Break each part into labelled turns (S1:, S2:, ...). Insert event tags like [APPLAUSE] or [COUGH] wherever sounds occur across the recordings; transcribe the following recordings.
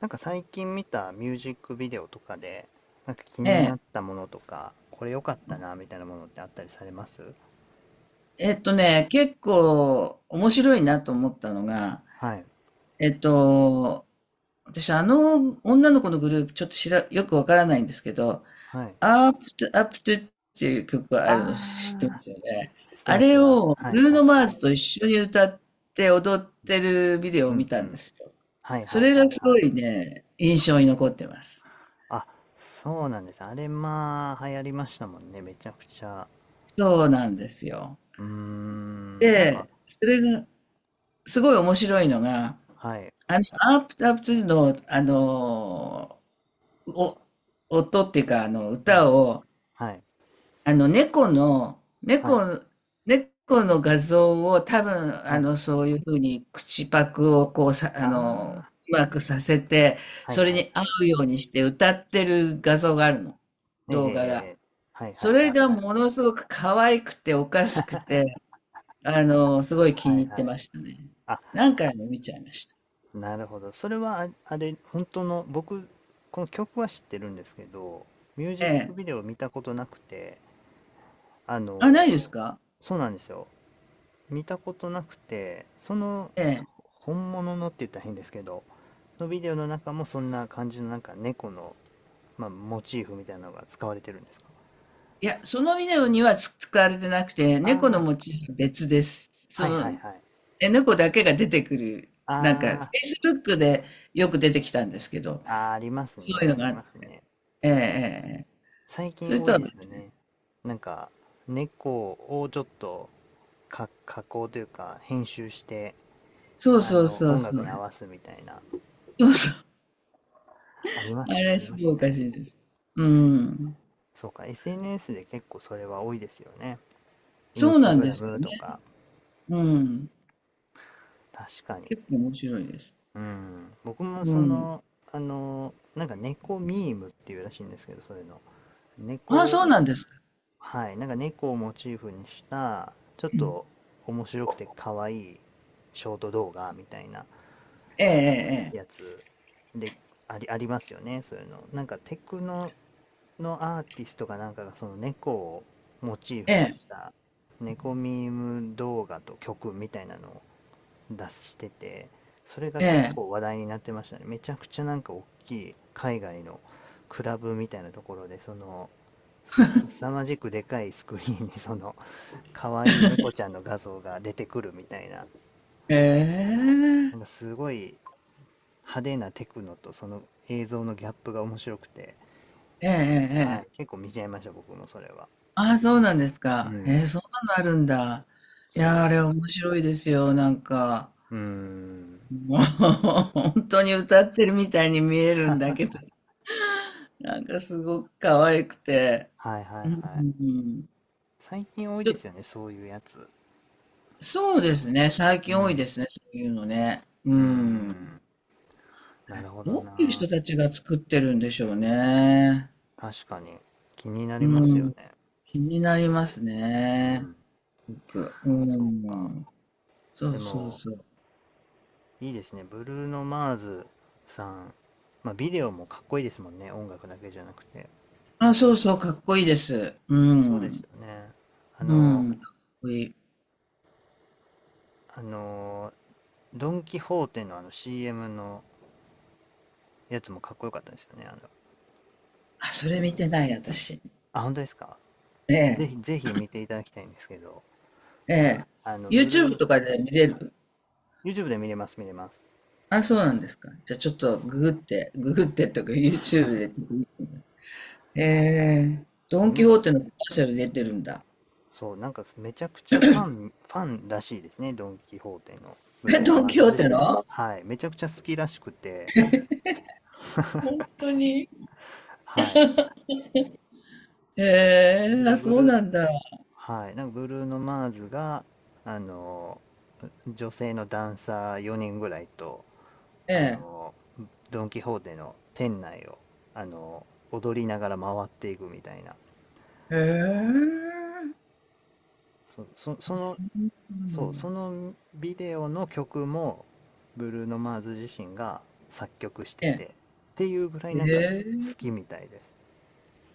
S1: なんか最近見たミュージックビデオとかで、なんか気
S2: え
S1: になっ
S2: え。
S1: たものとか、これ良かったなみたいなものってあったりされます？
S2: ね、結構面白いなと思ったのが、
S1: はい、
S2: えっと、私あの女の子のグループちょっとよくわからないんですけど、
S1: はい。
S2: アップトゥっていう曲があるの知ってま
S1: あ
S2: すよね。
S1: ー、して
S2: あ
S1: ます、して
S2: れ
S1: ます。
S2: を
S1: は
S2: ブ
S1: い、
S2: ルー
S1: は
S2: ノ・
S1: い、
S2: マ
S1: は
S2: ー
S1: い。
S2: ズと一緒に歌って踊ってるビデオ
S1: う
S2: を見
S1: ん、う
S2: たんで
S1: ん。
S2: すよ。
S1: はい、
S2: そ
S1: はい、
S2: れが
S1: はい、
S2: す
S1: は
S2: ご
S1: い。
S2: いね、印象に残ってます。
S1: あ、そうなんです。あれ、まあ、流行りましたもんね、めちゃくちゃ。
S2: そうなんですよ。
S1: うーん、なんか、
S2: で、それがすごい面白いのが、
S1: はい、
S2: アープタップの、お、音っていうか、
S1: うん、
S2: 歌を、
S1: はい、
S2: あの、猫の、
S1: は
S2: 猫、
S1: い、
S2: 猫の画像を多分、
S1: はい。
S2: そういうふうに口パクをこうさ、
S1: あー、
S2: うまくさせて、
S1: はい、
S2: それ
S1: はい、
S2: に合
S1: はい。
S2: うようにして歌ってる画像があるの、
S1: ええ、ええ、
S2: 動画が。
S1: ええ。はい、は
S2: そ
S1: い、
S2: れ
S1: はい、
S2: が
S1: はい。
S2: ものすごく可愛くておかしくて、すごい気
S1: は
S2: に
S1: い
S2: 入っ
S1: は
S2: て
S1: い。
S2: ましたね。
S1: あ、
S2: 何回も見ちゃいました。
S1: なるほど。それは、あ、あれ、本当の、僕、この曲は知ってるんですけど、ミュージ
S2: え
S1: ック
S2: え。
S1: ビデオ見たことなくて、あ
S2: あ、ないで
S1: の、
S2: すか？
S1: そうなんですよ。見たことなくて、その、
S2: ええ。
S1: 本物のって言ったら変ですけど、のビデオの中もそんな感じの、なんか猫の、まあ、モチーフみたいなのが使われてるんですか？
S2: いや、そのビデオには使われてなくて、
S1: あ
S2: 猫の
S1: あ
S2: モ
S1: ー、
S2: チーフは別です。
S1: は
S2: そ
S1: いはい
S2: の、
S1: はい。
S2: 猫だけが出てくる、なんか、
S1: あ
S2: Facebook でよく出てきたんですけど、
S1: ああー、あります
S2: そうい
S1: ね、
S2: うの
S1: あ
S2: があ
S1: りま
S2: っ
S1: す
S2: て、
S1: ね。
S2: ええええええ。
S1: 最
S2: そ
S1: 近
S2: れ
S1: 多
S2: と
S1: い
S2: は
S1: ですよ
S2: 別、
S1: ね。なんか、猫をちょっと、加工というか、編集して、
S2: そうそうそう
S1: 音
S2: そ
S1: 楽に合
S2: う。
S1: わすみたいな。
S2: そうそう。
S1: ありま
S2: あ
S1: すね、あ
S2: れ、
S1: り
S2: す
S1: ま
S2: ごい
S1: す
S2: おか
S1: ね。
S2: しいです。うん。
S1: そうか、SNS で結構それは多いですよね。イン
S2: そう
S1: スタ
S2: なん
S1: グ
S2: で
S1: ラ
S2: すよ
S1: ム
S2: ね。
S1: とか、
S2: うん。
S1: 確かに。
S2: 結構面白いです。
S1: うん。僕も
S2: う
S1: そ
S2: ん。
S1: の、なんか猫ミームっていうらしいんですけど、それの。
S2: ああ、
S1: 猫、
S2: そうなんですか。
S1: はい、なんか猫をモチーフにした、ちょっ
S2: うん。
S1: と面白くて可愛いショート動画みたいな
S2: ええ
S1: やつで、ありますよね、そういうの。なんかテクノのアーティストかなんかがその猫をモチーフ
S2: え
S1: にし
S2: え
S1: た猫ミーム動画と曲みたいなのを出してて、それが結
S2: え
S1: 構
S2: え
S1: 話題になってましたね。めちゃくちゃなんか大きい海外のクラブみたいなところでその凄まじくでかいスクリーンにその可愛い猫ちゃんの画像が出てくるみたいな、
S2: えええ
S1: なんかすごい派手なテクノとその映像のギャップが面白くて、
S2: えええええええ
S1: は
S2: え
S1: い、
S2: え。
S1: 結構見ちゃいました僕もそれは。
S2: ああ、そうなんです
S1: う
S2: か。へえ、
S1: ん、
S2: そんなのあるんだ。いやー、
S1: そ
S2: あれ
S1: う。
S2: 面白いですよ。なんか、
S1: うーん。
S2: もう、[LAUGHS] 本当に歌ってるみたいに見えるんだ
S1: [LAUGHS]
S2: けど、[LAUGHS] なんかすごく可愛くて。
S1: はいは
S2: う
S1: い
S2: ん、
S1: はい。
S2: うん。
S1: 最近多い
S2: ち
S1: ですよ
S2: ょ
S1: ね、そういうやつ。
S2: そうですね。最
S1: う
S2: 近多いで
S1: ん。
S2: すね。そういうのね。う
S1: うー
S2: ん。
S1: ん。
S2: あ
S1: な
S2: れ
S1: るほど
S2: どういう
S1: な。
S2: 人たちが作ってるんでしょうね。
S1: 確かに。気になり
S2: う
S1: ますよ
S2: ん。
S1: ね。
S2: 気になります
S1: う
S2: ね。
S1: ん。
S2: すごく。う
S1: そうか。
S2: ん。そ
S1: で
S2: うそう
S1: も、
S2: そう。
S1: いいですね。ブルーノ・マーズさん。まあ、ビデオもかっこいいですもんね。音楽だけじゃなくて。
S2: あ、そうそう、かっこいいです。う
S1: そうです
S2: ん。
S1: よね。あ
S2: う
S1: の、
S2: ん、かっこいい。
S1: あの、ドン・キホーテのあの CM のやつもかっこよかったですよね。
S2: あ、それ見てない、私。
S1: あ、本当ですか？
S2: え
S1: ぜ
S2: え、
S1: ひ、ぜひ見ていただきたいんですけど。
S2: ええ。
S1: あの、ブルー
S2: YouTube
S1: の、
S2: とかで見れる。
S1: YouTube で見れます、見れます。
S2: あ、そうなんですか。じゃあちょっとググってとか YouTube でちょっと見てみます。ええ、ド
S1: そう、
S2: ン
S1: なん
S2: キ
S1: か、
S2: ホーテのコマーシャル出てるんだ。
S1: そう、なんかめちゃくちゃファンらしいですね、ドン・キホーテのブ
S2: え、
S1: ルーノ・
S2: ドン
S1: マー
S2: キホ
S1: ズ
S2: ー
S1: 自
S2: テ
S1: 身が。
S2: の
S1: はい、めちゃくちゃ好きらしくて、
S2: 本当に。
S1: はい。
S2: え
S1: で
S2: え、
S1: そ
S2: あ、
S1: のブ
S2: そう
S1: ルー、
S2: なんだ。
S1: はい、なんかブルーノ・マーズが、あの、女性のダンサー4人ぐらいと、
S2: え
S1: あ
S2: え。
S1: の、ドン・キホーテの店内を、あの、踊りながら回っていくみたいな。
S2: ええ。
S1: そ、そ、
S2: あ、
S1: その
S2: そうな
S1: そう、
S2: ん
S1: そ
S2: だ。
S1: のビデオの曲も、ブルーノ・マーズ自身が作曲して
S2: ええ。
S1: て、っていうぐらいな
S2: え
S1: んか好
S2: え。
S1: きみたいです。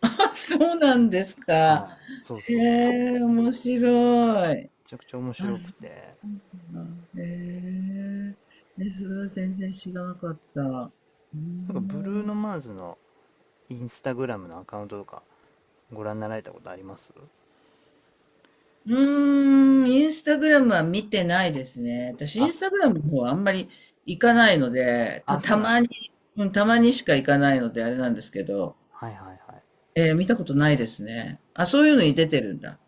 S2: あ、そうなんですか。
S1: はい。そう
S2: え
S1: そうそう。め
S2: え、面白い。
S1: ちゃくちゃ面
S2: あ、
S1: 白く
S2: そ
S1: て、
S2: うなんだ。ええ、ね、それは全然知らなかった。うー
S1: なんかブルー
S2: ん、
S1: ノ・マーズのインスタグラムのアカウントとかご覧になられたことあります？
S2: うーん。インスタグラムは見てないですね。私、イン
S1: あ、
S2: スタグラムの方はあんまり行かないので、
S1: あ、そ
S2: た
S1: うなんです。
S2: まに、うん、たまにしか行かないので、あれなんですけど、
S1: はいはいはい。
S2: 見たことないですね。あ、そういうのに出てるんだ。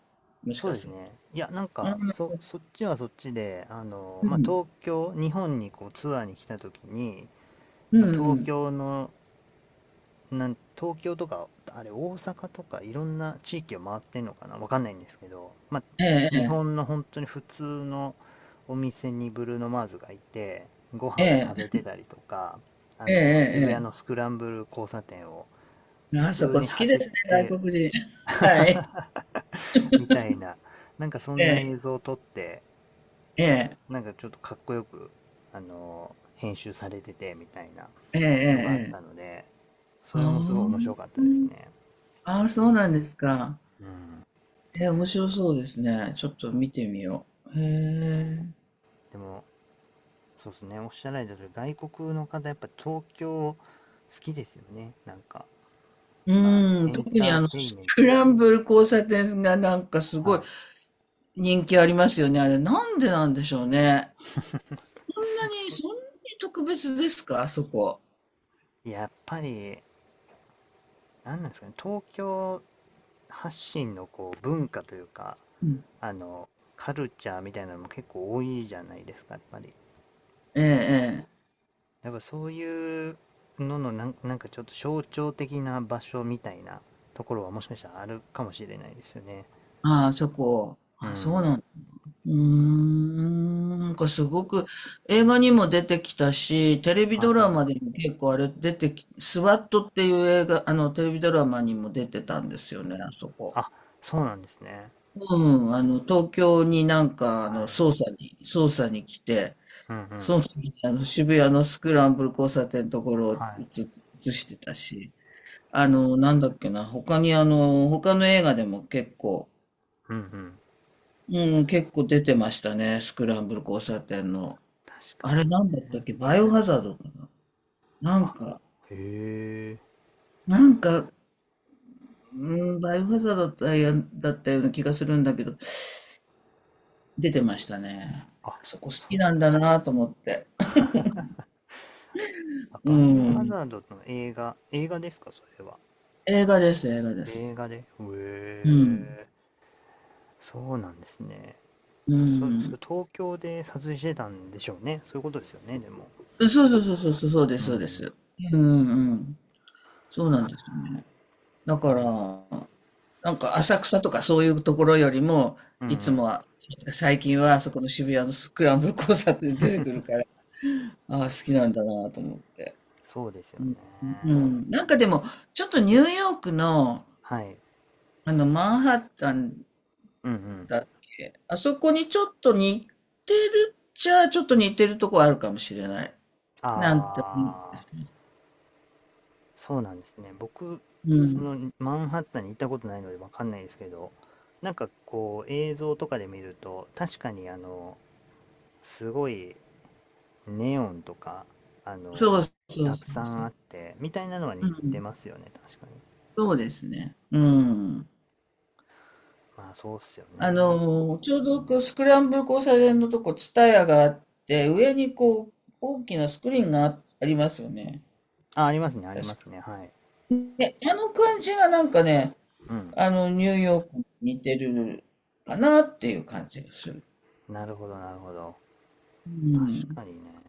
S2: もし
S1: そ
S2: か
S1: うです
S2: する
S1: ね。いや、なん
S2: と。う
S1: か、
S2: ん、
S1: そっちはそっちで、
S2: う
S1: まあ、
S2: ん、
S1: 東京、日本にこうツアーに来た時に、
S2: うん、
S1: まあ、
S2: う
S1: 東
S2: ん。
S1: 京の東京とか、あれ、大阪とか、いろんな地域を回ってんのかなわかんないんですけど、ま
S2: え
S1: あ、日
S2: え、
S1: 本の本当に普通のお店にブルーノ・マーズがいて、ご飯を
S2: え
S1: 食べ
S2: え、
S1: てたりとか、
S2: ええ、ええ、え
S1: 渋谷
S2: え。
S1: の
S2: ええ。
S1: スクランブル交差点を普
S2: あそ
S1: 通
S2: こ好
S1: に
S2: きで
S1: 走っ
S2: すね、
S1: て
S2: 外国人。[LAUGHS]
S1: [LAUGHS]
S2: はい。
S1: みたいな、なんかそん
S2: え
S1: な
S2: え、
S1: 映像を撮って、
S2: ええ、
S1: なんかちょっとかっこよく、編集されててみたいな
S2: ええ、
S1: のがあっ
S2: え
S1: た
S2: え。
S1: ので、そ
S2: あ
S1: れもすごい面
S2: あ、
S1: 白かった
S2: う
S1: です
S2: ん。
S1: ね。
S2: ああ、そうなんですか。
S1: うん。
S2: ええ、面白そうですね。ちょっと見てみよう。へ
S1: そ
S2: え。
S1: う。でも、そうですね。おっしゃられた通り、外国の方、やっぱ東京好きですよね。なんか、まあ、
S2: うん、
S1: エン
S2: 特に
S1: ターテイン
S2: ス
S1: メント。
S2: クランブル交差点がなんかす
S1: は
S2: ごい
S1: い。
S2: 人気ありますよね。あれ、なんでなんでしょうね。そんなに、
S1: そう。
S2: そんなに特別ですか、あそこ。
S1: やっぱり、なんなんですかね。東京発信のこう文化というか、
S2: うん。
S1: あの、カルチャーみたいなのも結構多いじゃないですか、やっぱり。
S2: ええ、ええ。
S1: やっぱそういうののなんかちょっと象徴的な場所みたいなところはもしかしたらあるかもしれないですよね。
S2: ああ、そこ。
S1: う
S2: あ、そうな
S1: ん。
S2: ん。うーん、なんかすごく映画にも出てきたし、テレビ
S1: は
S2: ド
S1: い
S2: ラ
S1: はい。
S2: マでも結構あれ出てき、スワットっていう映画、あのテレビドラマにも出てたんですよね、あそこ。
S1: あ、そうなんですね。
S2: うん、あの東京になんか
S1: はい。
S2: 捜査に来て、
S1: うんうん。
S2: その時に渋谷のスクランブル交差点のところを
S1: はい。
S2: 映してたし、なんだっけな、他の映画でも結構、
S1: うんうん。
S2: うん、結構出てましたね、スクランブル交差点の。
S1: 確か
S2: あれ
S1: に。
S2: なんだったっけバイオハザードかななん
S1: あ、
S2: か、
S1: へえ。
S2: なんか、うん、バイオハザードだったような気がするんだけど、出てましたね。
S1: あ、
S2: あそこ好
S1: そ
S2: きな
S1: う。
S2: んだなと思って。
S1: [LAUGHS] あ、
S2: う
S1: バイオハ
S2: ん。
S1: ザードの映画ですか、それは。
S2: 映画です、映画です。
S1: 映画で。へ
S2: うん。
S1: え。そうなんですね。
S2: う
S1: それ
S2: ん。
S1: 東京で撮影してたんでしょうね。そういうことですよね、でも。
S2: そうそうそうそう、そうで
S1: う
S2: す、そうで
S1: ん。
S2: す。うん、うん。そうなんですよね。だか
S1: まあでも、
S2: ら、なんか浅草とかそういうところよりも、
S1: うんう
S2: いつも
S1: ん。
S2: は、最近はそこの渋谷のスクランブル交差点で出てくるから、ああ、好きなんだなと思って。
S1: そうですよ
S2: う
S1: ね。
S2: ん、うん。なんかでも、ちょっとニューヨークの、
S1: はい。
S2: マンハッタン
S1: うんうん。
S2: だっけ、あそこにちょっと似てるっちゃ、ちょっと似てるとこあるかもしれない。
S1: あ
S2: なんて、
S1: あ。そうなんですね。僕、
S2: う
S1: そ
S2: ん。
S1: のマンハッタンに行ったことないのでわかんないですけど、なんかこう映像とかで見ると、確かにすごいネオンとか、あ
S2: そう
S1: の、
S2: そう
S1: た
S2: そ
S1: くさ
S2: うそ
S1: んあ
S2: う。
S1: って、みたいなのは
S2: う
S1: 似て
S2: ん。
S1: ますよね、確かに。
S2: そうですね。う
S1: うん。
S2: ん。
S1: まあそうっすよね。
S2: ちょうどこうスクランブル交差点のとこ、ツタヤがあって、上にこう、大きなスクリーンがありますよね。
S1: あ、ありますね、ありま
S2: 確
S1: す
S2: か。
S1: ね。はい。
S2: ね、あの感じがなんかね、
S1: うん。
S2: ニューヨークに似てるかなっていう感じがする。
S1: なるほど、なるほど。
S2: う
S1: 確
S2: ん。
S1: かにね。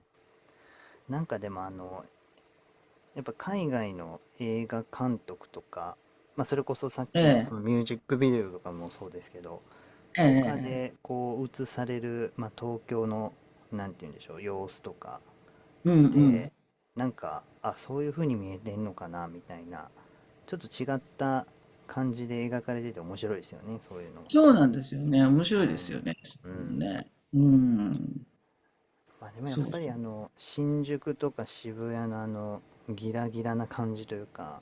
S1: なんかでもやっぱ海外の映画監督とか、まあ、それこそさっ
S2: え
S1: きのそ
S2: え、
S1: のミュージックビデオとかもそうですけど、
S2: え
S1: とか
S2: え、え
S1: で
S2: え。
S1: こう映される、まあ、東京の、なんて言うんでしょう、様子とか
S2: うん、う
S1: で、
S2: ん。
S1: なんか、あ、そういう風に見えてんのかなみたいな、ちょっと違った感じで描かれてて面白いですよね、そういうの
S2: そうなんですよね。面白いですよ
S1: は。
S2: ね。
S1: うん。うん。
S2: ね。うん。
S1: まあでもやっ
S2: そうそ
S1: ぱり
S2: う。
S1: 新宿とか渋谷のあの、ギラギラな感じというか、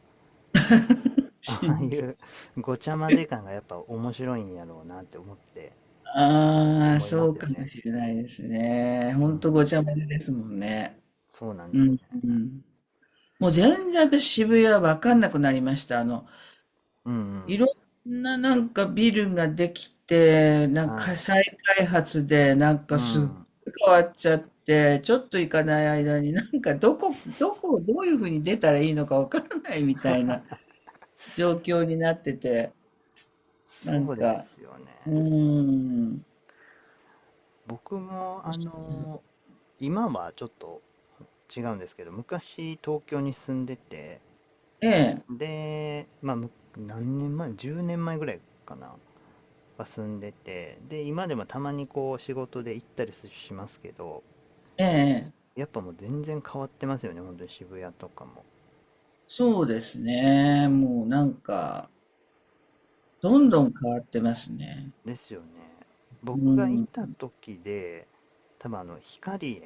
S1: [LAUGHS] ああい
S2: 真珠。
S1: うごちゃ混ぜ感がやっぱ面白いんやろうなって
S2: ああ、
S1: 思いま
S2: そ
S1: す
S2: う
S1: よ
S2: かも
S1: ね。
S2: しれないですね。ほ
S1: う
S2: んとご
S1: ん、
S2: ちゃ混ぜですもんね。
S1: そうなんです
S2: う
S1: よ
S2: ん、
S1: ね。
S2: うん。もう全然私渋谷わかんなくなりました。
S1: うんうん。
S2: いろんななんかビルができて、なんか
S1: はい。
S2: 再開発で、なん
S1: う
S2: かすっごい
S1: ん。
S2: 変わっちゃって、ちょっと行かない間になんかどこをどういうふうに出たらいいのかわからないみたいな状況になってて、な
S1: そ
S2: ん
S1: うで
S2: か、
S1: すよね。
S2: うーん。
S1: 僕も、今はちょっと違うんですけど、昔東京に住んでて、
S2: ええ、
S1: で、まあ、何年前？ 10 年前ぐらいかなは住んでて、で、今でもたまにこう仕事で行ったりしますけど、
S2: ええ、
S1: やっぱもう全然変わってますよね、本当に渋谷とかも。
S2: そうですね。もうなんか、どんどん変わってますね。
S1: ですよね。
S2: う
S1: 僕がい
S2: ん。
S1: た時で、多分光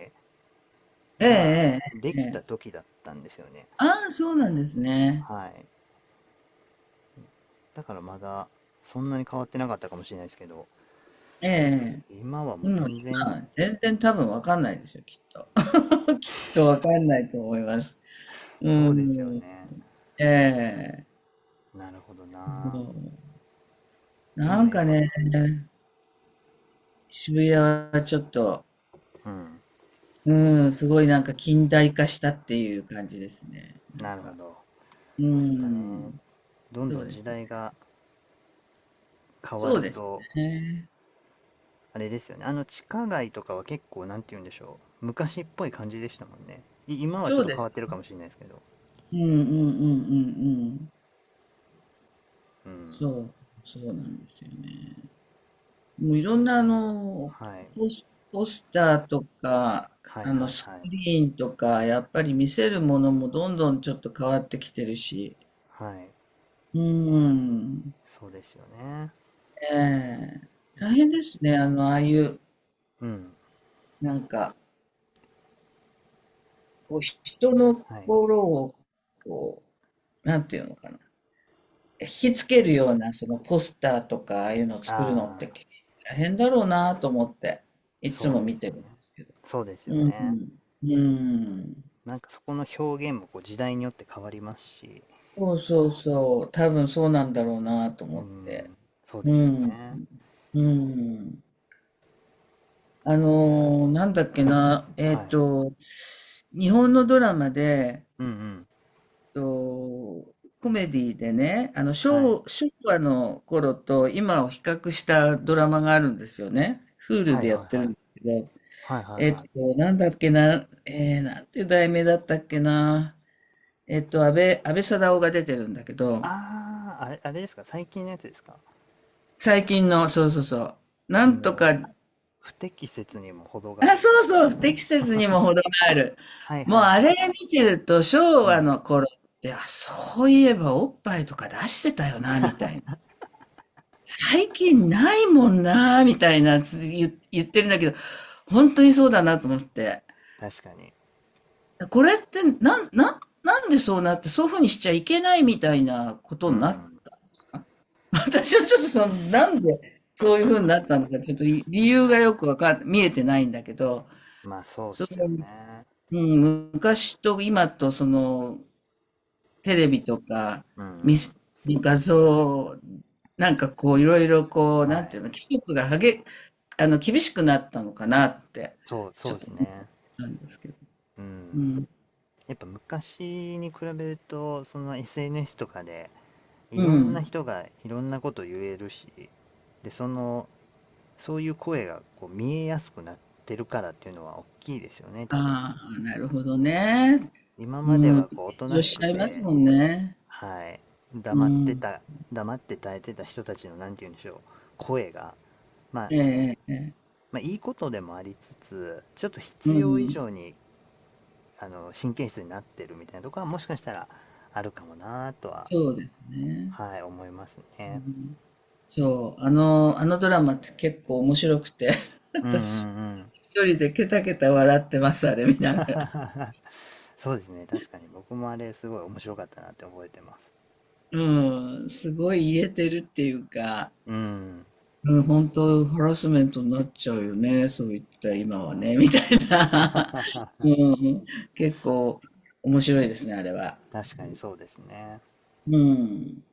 S2: え
S1: が
S2: え
S1: で
S2: えええ
S1: きた
S2: え。
S1: 時だったんですよね。
S2: ああ、そうなんですね。
S1: はい。だからまだ、そんなに変わってなかったかもしれないですけど、
S2: ええ
S1: 今は
S2: え
S1: も
S2: え。
S1: う
S2: もう
S1: 全然、
S2: 今、全然多分わかんないですよ、きっと。きっとわかんないと思います。うー
S1: そうですよ
S2: ん。
S1: ね。
S2: ええ。
S1: なるほど
S2: そ
S1: な。
S2: う。
S1: どん
S2: な
S1: どん
S2: ん
S1: やっ
S2: か
S1: ぱ、
S2: ね、渋谷はちょっと、
S1: うん。
S2: うーん、すごいなんか近代化したっていう感じですね。なん
S1: なるほ
S2: か。
S1: ど。やっ
S2: うー
S1: ぱね、
S2: ん。
S1: どん
S2: そ
S1: ど
S2: う
S1: ん
S2: で
S1: 時
S2: すね。
S1: 代が変わ
S2: そう
S1: る
S2: です
S1: と、
S2: ね。
S1: あれですよね。あの地下街とかは結構、なんて言うんでしょう。昔っぽい感じでしたもんね。今はち
S2: そ
S1: ょっ
S2: う
S1: と
S2: で
S1: 変わっ
S2: す。
S1: てるかもしれないですけど。
S2: うんうんうんうんうん。
S1: うん。
S2: そう、そうなんですよね。もういろんな
S1: はい。
S2: ポス、ポスターとか、
S1: はいはい
S2: スク
S1: はい。
S2: リーンとか、やっぱり見せるものもどんどんちょっと変わってきてるし。
S1: はい。
S2: うん。
S1: そうですよね。
S2: ええ。大変ですね。ああいう、
S1: うん。
S2: なんか、こう、人の
S1: はい。
S2: 心を、こう、なんていうのかな。引きつけるような、そのポスターとか、ああいうのを作るのっ
S1: あ
S2: て、
S1: あ、
S2: 大変だろうなと思って、いつ
S1: そう
S2: も
S1: で
S2: 見
S1: す
S2: て
S1: よ
S2: るんで
S1: ね。
S2: すけど。
S1: そうですよ
S2: う
S1: ね。
S2: ん。うん。
S1: なんかそこの表現もこう時代によって変わりますし、
S2: そうそうそう、多分そうなんだろうなと
S1: うー
S2: 思って。
S1: ん、そう
S2: う
S1: ですよ
S2: ん、
S1: ね。
S2: うん。なんだっけな、
S1: はい。
S2: 日本のドラマで、
S1: うんうん。
S2: と、コメディでね、あの
S1: はい。
S2: 昭和の頃と今を比較したドラマがあるんですよね。Hulu
S1: はい
S2: でやっ
S1: はい
S2: てる
S1: はい。
S2: んですけど、
S1: はいはいはい。
S2: なんだっけな、なんていう題名だったっけな、安倍貞夫が出てるんだけど、
S1: ああ、あれですか、最近のやつですか。
S2: 最近の、そうそうそう、な
S1: あ
S2: んとか
S1: の、不適切にも程
S2: [LAUGHS]
S1: があ
S2: あ、
S1: るし。
S2: そうそう、不適切にも程がある。
S1: はいは
S2: も
S1: い
S2: う
S1: はい。
S2: あれ見てると、昭
S1: う
S2: 和
S1: ん。
S2: の頃って、あ、そういえばおっぱいとか出してたよな、みたいな。最近ないもんな、みたいな言ってるんだけど、本当にそうだなと思って。
S1: 確かに。
S2: これってなんでそうなって、そういう風にしちゃいけないみたいなこと
S1: う
S2: になっ
S1: ん。
S2: た私はちょっとその、なんでそういう風になったのか、ちょっと理由がよくわかん見えてないんだけど、
S1: まあそうっ
S2: そ
S1: すよ
S2: の
S1: ね。
S2: うん、昔と今とそのテレビとか
S1: うん
S2: 見
S1: う
S2: せ
S1: ん。
S2: 画像なんかこういろいろこう
S1: は
S2: なん
S1: い。
S2: ていうの規則がはげあの厳しくなったのかなって
S1: そう、
S2: ち
S1: そ
S2: ょ
S1: う
S2: っ
S1: で
S2: と
S1: す
S2: 思っ
S1: ね。
S2: たんですけど。
S1: う
S2: う
S1: ん。
S2: ん。
S1: やっぱ昔に比べると、その SNS とかで、い
S2: う
S1: ろんな
S2: ん。
S1: 人がいろんなこと言えるし、で、その、そういう声がこう見えやすくなってるからっていうのは大きいですよね、多分。
S2: ああ、なるほどね。
S1: 今
S2: う
S1: まで
S2: ん。
S1: は
S2: 緊
S1: こうおとな
S2: 張
S1: し
S2: しち
S1: く
S2: ゃいます
S1: て、
S2: もんね。
S1: はい、
S2: う
S1: 黙って
S2: ん。
S1: た、黙って耐えてた人たちの、なんて言うんでしょう、声が、まあ、
S2: ええええ。
S1: まあ、いいことでもありつつ、ちょっと
S2: う
S1: 必要以
S2: ん。
S1: 上に神経質になってるみたいなとこはもしかしたらあるかもなとは、
S2: そうですね。
S1: はい、思います
S2: う
S1: ね。
S2: ん、そう、あのドラマって結構面白くて [LAUGHS]、
S1: うんうんう
S2: 私。
S1: ん。
S2: 一人でケタケタ笑ってます、あれ見ながら。
S1: [LAUGHS] そうですね、確かに僕もあれすごい面白かったなって覚えてます。
S2: うん、すごい言えてるっていうか、
S1: うん。
S2: うん、本当ハラスメントになっちゃうよね、そういった今はね、みたい
S1: [LAUGHS]
S2: な。[LAUGHS] うん、結構面白いですね、あれは。
S1: 確かにそうですね。
S2: うん。